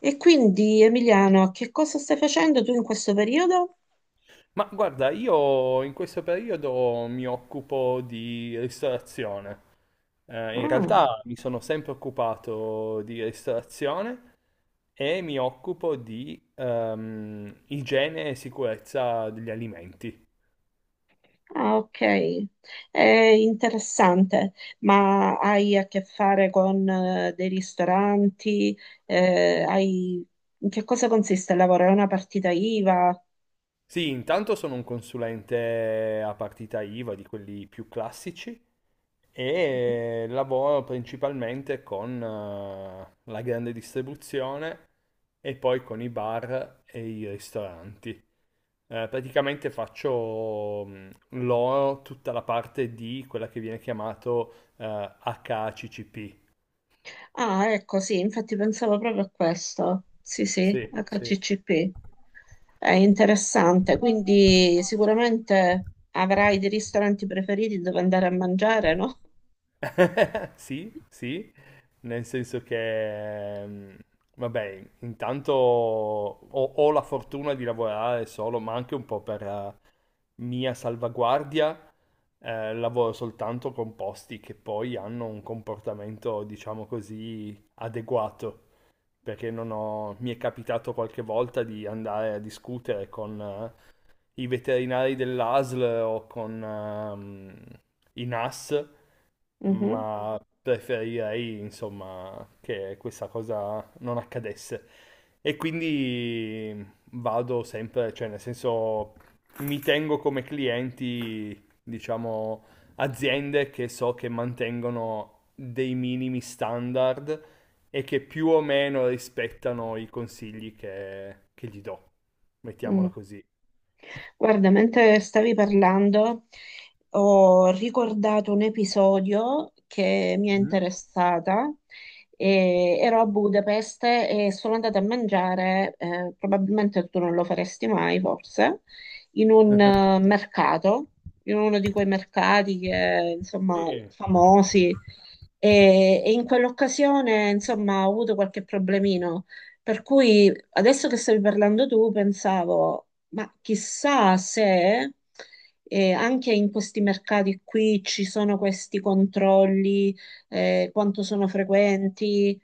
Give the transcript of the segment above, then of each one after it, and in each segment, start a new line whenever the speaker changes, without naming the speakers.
E quindi, Emiliano, che cosa stai facendo tu in questo periodo?
Ma guarda, io in questo periodo mi occupo di ristorazione. In
Ah,
realtà mi sono sempre occupato di ristorazione e mi occupo di igiene e sicurezza degli alimenti.
ah, ok, è interessante, ma hai a che fare con dei ristoranti? Eh, hai... In che cosa consiste il lavoro? È una partita IVA?
Sì, intanto sono un consulente a partita IVA di quelli più classici
Mhm.
e lavoro principalmente con la grande distribuzione e poi con i bar e i ristoranti. Praticamente faccio loro tutta la parte di quella che viene chiamato HACCP.
Ah, ecco, sì, infatti pensavo proprio a questo. Sì, sì,
Sì, sì.
HCCP. È interessante, quindi sicuramente avrai dei ristoranti preferiti dove andare a mangiare, no?
Sì, sì, nel senso che, vabbè, intanto ho la fortuna di lavorare solo, ma anche un po' per mia salvaguardia, lavoro soltanto con posti che poi hanno un comportamento, diciamo così, adeguato. Perché non ho- mi è capitato qualche volta di andare a discutere con i veterinari dell'ASL o con i NAS,
Mhm.
ma preferirei, insomma, che questa cosa non accadesse. E quindi vado sempre, cioè nel senso mi tengo come clienti, diciamo, aziende che so che mantengono dei minimi standard e che più o meno rispettano i consigli che gli do, mettiamola
Mm.
così.
Guarda, mentre stavi parlando, ho ricordato un episodio che mi è
Mm?
interessata. E ero a Budapest e sono andata a mangiare, probabilmente tu non lo faresti mai, forse, in un mercato, in uno di quei mercati che, insomma,
Sì.
famosi. E in quell'occasione, insomma, ho avuto qualche problemino. Per cui adesso che stavi parlando tu, pensavo. Ma chissà se anche in questi mercati qui ci sono questi controlli, quanto sono frequenti,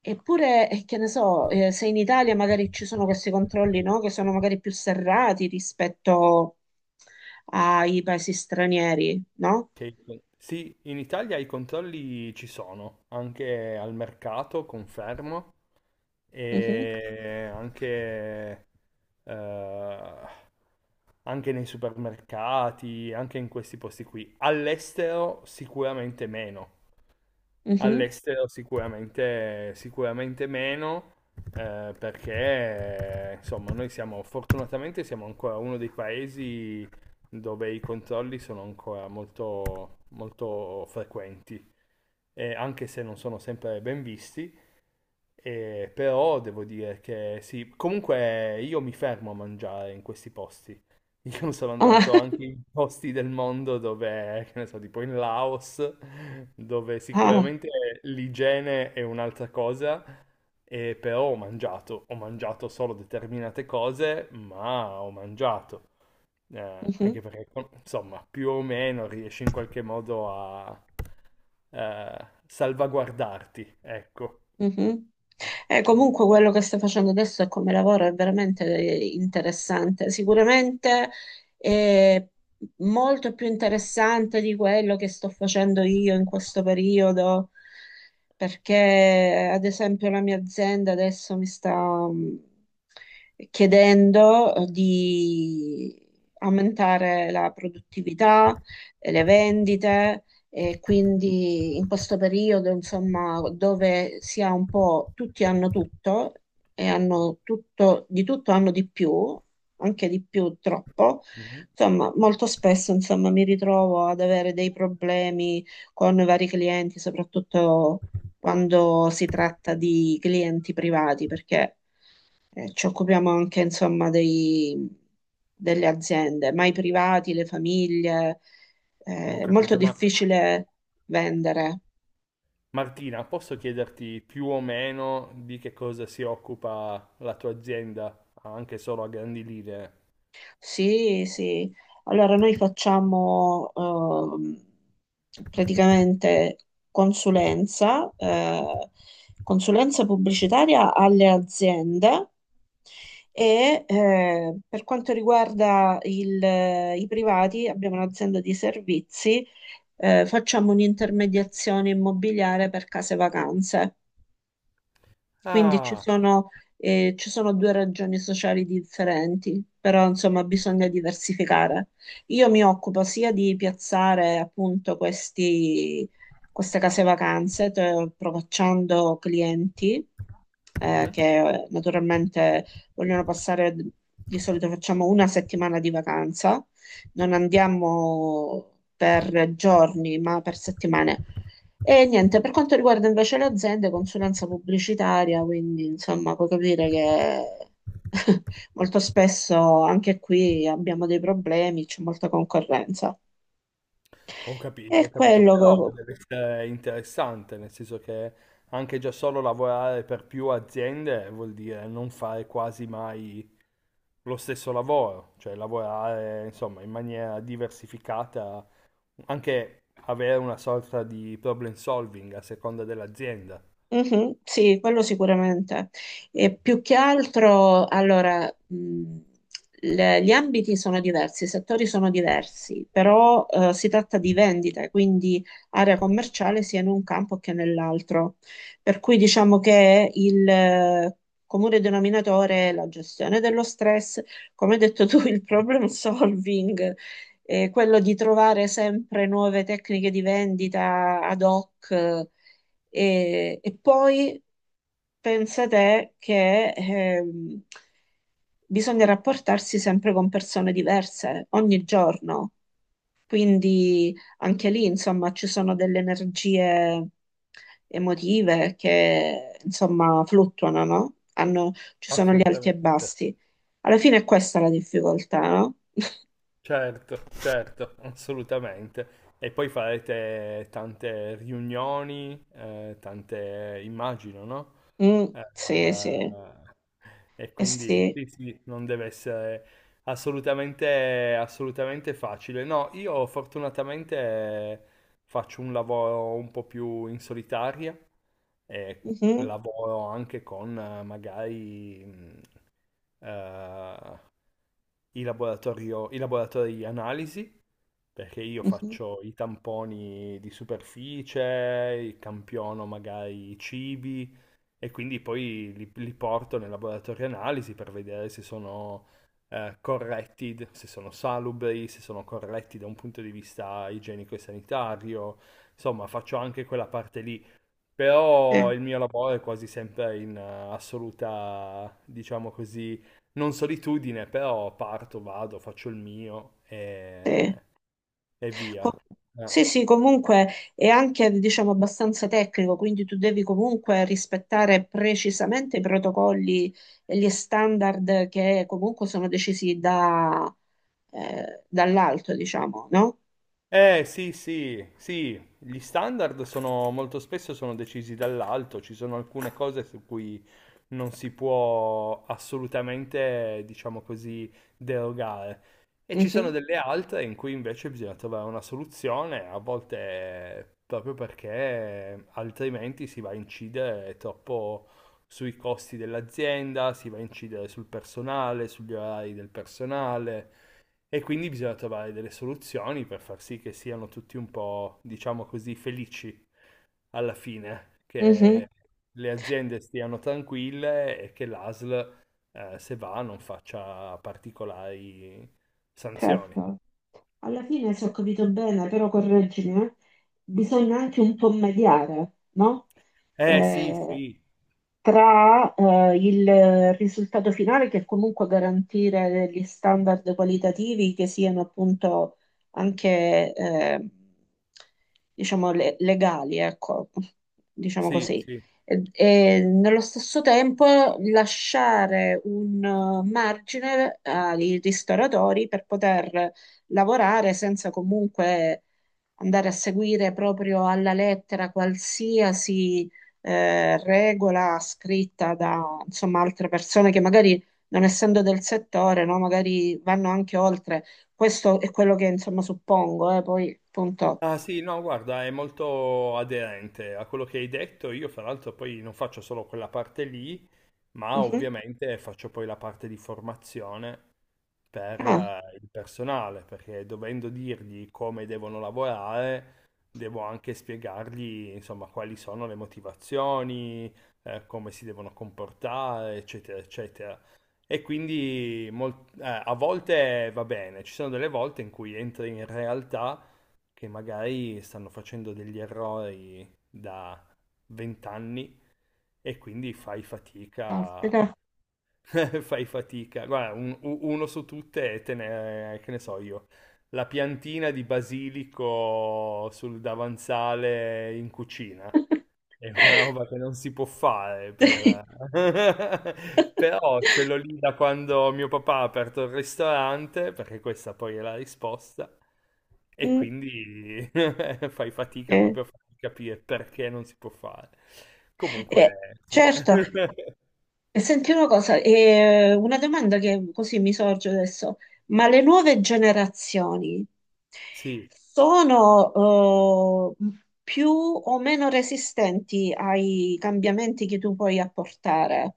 eppure, che ne so, se in Italia magari ci sono questi controlli, no, che sono magari più serrati rispetto ai paesi stranieri, no?
Sì, in Italia i controlli ci sono, anche al mercato, confermo,
Mhm,
e anche, eh, anche nei supermercati, anche in questi posti qui. All'estero sicuramente meno.
mhm.
All'estero sicuramente, sicuramente meno, perché insomma noi siamo fortunatamente siamo ancora uno dei paesi dove i controlli sono ancora molto, molto frequenti, e anche se non sono sempre ben visti, e però devo dire che sì, comunque io mi fermo a mangiare in questi posti. Io sono
Ah,
andato anche in posti del mondo dove, che ne so, tipo in Laos, dove
ah,
sicuramente l'igiene è un'altra cosa, e però ho mangiato solo determinate cose, ma ho mangiato. Eh,
mhm.
Anche perché, insomma, più o meno riesci in qualche modo a salvaguardarti, ecco.
Mhm. Comunque quello che stai facendo adesso e come lavoro è veramente interessante, sicuramente è molto più interessante di quello che sto facendo io in questo periodo, perché ad esempio la mia azienda adesso mi sta mm, chiedendo di aumentare la produttività, e le vendite. E quindi in questo periodo, insomma, dove si ha un po', tutti hanno tutto e hanno tutto, di tutto hanno di più, anche di più troppo.
Mhm.
Insomma, molto spesso, insomma, mi ritrovo ad avere dei problemi con vari clienti, soprattutto quando si tratta di clienti privati, perché ci occupiamo anche, insomma, delle aziende, ma i privati, le famiglie.
Ho
È molto
capito, ma
difficile vendere.
Martina, posso chiederti più o meno di che cosa si occupa la tua azienda, anche solo a grandi linee?
Sì, sì. Allora, noi facciamo praticamente consulenza, consulenza pubblicitaria alle aziende e per quanto riguarda i privati, abbiamo un'azienda di servizi facciamo un'intermediazione immobiliare per case vacanze. Quindi ci
Ah,
sono, ci sono due ragioni sociali differenti, però insomma bisogna diversificare. Io mi occupo sia di piazzare appunto questi, queste case vacanze, provocando clienti
mhm.
che naturalmente vogliono passare, di solito facciamo una settimana di vacanza, non andiamo per giorni ma per settimane. E niente, per quanto riguarda invece le aziende, consulenza pubblicitaria, quindi insomma puoi capire che molto spesso anche qui abbiamo dei problemi, c'è molta concorrenza. E
Ho capito,
quello,
però deve essere interessante, nel senso che anche già solo lavorare per più aziende vuol dire non fare quasi mai lo stesso lavoro, cioè lavorare, insomma, in maniera diversificata, anche avere una sorta di problem solving a seconda dell'azienda.
Mhm, sì, quello sicuramente. E più che altro, allora, gli ambiti sono diversi, i settori sono diversi, però si tratta di vendite, quindi area commerciale sia in un campo che nell'altro. Per cui diciamo che il comune denominatore è la gestione dello stress, come hai detto tu, il problem solving, quello di trovare sempre nuove tecniche di vendita ad hoc. E poi pensa te che bisogna rapportarsi sempre con persone diverse ogni giorno, quindi anche lì, insomma, ci sono delle energie emotive che, insomma, fluttuano, no? Ci sono gli alti e
Assolutamente,
bassi. Alla fine è questa la difficoltà, no?
certo, certo, assolutamente. E poi farete tante riunioni, tante, immagino, no?
Mm,
Eh,
sì, sì,
e
eh
quindi
sì.
sì, sì, non deve essere assolutamente, assolutamente facile. No, io fortunatamente faccio un lavoro un po' più in solitaria e
Mhm,
lavoro anche con magari eh, i laboratori di analisi, perché io
mhm,
faccio i tamponi di superficie, campiono magari i cibi, e quindi poi li porto nel laboratorio analisi per vedere se sono corretti, se sono salubri, se sono corretti da un punto di vista igienico e sanitario. Insomma, faccio anche quella parte lì,
sì,
però il mio lavoro è quasi sempre in assoluta, diciamo così, non solitudine, però parto, vado, faccio il mio
sì.
e
Co-
via. Eh.
Sì, sì, comunque è anche, diciamo, abbastanza tecnico, quindi tu devi comunque rispettare precisamente i protocolli e gli standard che comunque sono decisi da, dall'alto, diciamo, no?
Eh sì, sì, sì, gli standard sono molto spesso sono decisi dall'alto, ci sono alcune cose su cui non si può assolutamente, diciamo così, derogare. E ci sono
Mhm,
delle altre in cui invece bisogna trovare una soluzione, a volte proprio perché altrimenti si va a incidere troppo sui costi dell'azienda, si va a incidere sul personale, sugli orari del personale. E quindi bisogna trovare delle soluzioni per far sì che siano tutti un po', diciamo così, felici alla fine,
mhm,
che le aziende stiano tranquille e che l'ASL, se va, non faccia particolari sanzioni.
certo. Alla fine, se ho capito bene, però correggimi, bisogna anche un po' mediare, no?
Eh sì,
Eh,
sì,
tra il risultato finale, che è comunque garantire degli standard qualitativi che siano appunto anche, diciamo, legali, ecco, diciamo
sì,
così.
sì.
E nello stesso tempo lasciare un margine ai ristoratori per poter lavorare senza comunque andare a seguire proprio alla lettera qualsiasi regola scritta da insomma, altre persone che magari non essendo del settore, no, magari vanno anche oltre. Questo è quello che insomma suppongo, poi appunto.
Ah sì, no, guarda, è molto aderente a quello che hai detto. Io, fra l'altro, poi non faccio solo quella parte lì, ma
Mhm.
ovviamente faccio poi la parte di formazione per
Ah,
il personale, perché dovendo dirgli come devono lavorare, devo anche spiegargli, insomma, quali sono le motivazioni, come si devono comportare, eccetera, eccetera. E quindi a volte va bene, ci sono delle volte in cui entri in realtà che magari stanno facendo degli errori da 20 anni e quindi fai fatica
caspita.
fai fatica. Guarda, uno su tutte è tenere, che ne so io, la piantina di basilico sul davanzale in cucina. È una roba che non si può fare,
Sì.
per... però ce l'ho lì da quando mio papà ha aperto il ristorante, perché questa poi è la risposta, e
Mm,
quindi fai fatica
eh,
proprio a farti capire perché non si può fare. Comunque,
eh,
sì.
certo, e senti una cosa, e una domanda che così mi sorge adesso, ma le nuove generazioni
Sì,
sono più o meno resistenti ai cambiamenti che tu puoi apportare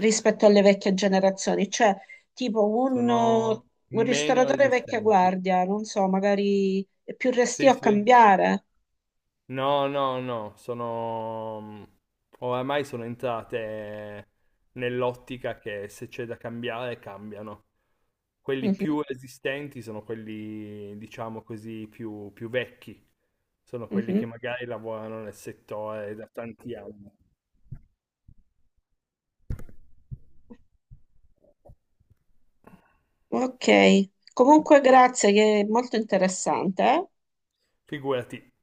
rispetto alle vecchie generazioni? Cioè, tipo
sono
un
meno
ristoratore vecchia
resistenti.
guardia, non so, magari è più restio
Sì,
a
sì.
cambiare.
No, no, no, oramai sono entrate nell'ottica che se c'è da cambiare, cambiano. Quelli più resistenti sono quelli, diciamo così, più vecchi. Sono
Mhm,
quelli che
mhm.
magari lavorano nel settore da tanti anni.
Ok, comunque grazie, che è molto interessante. Eh.
Figurati,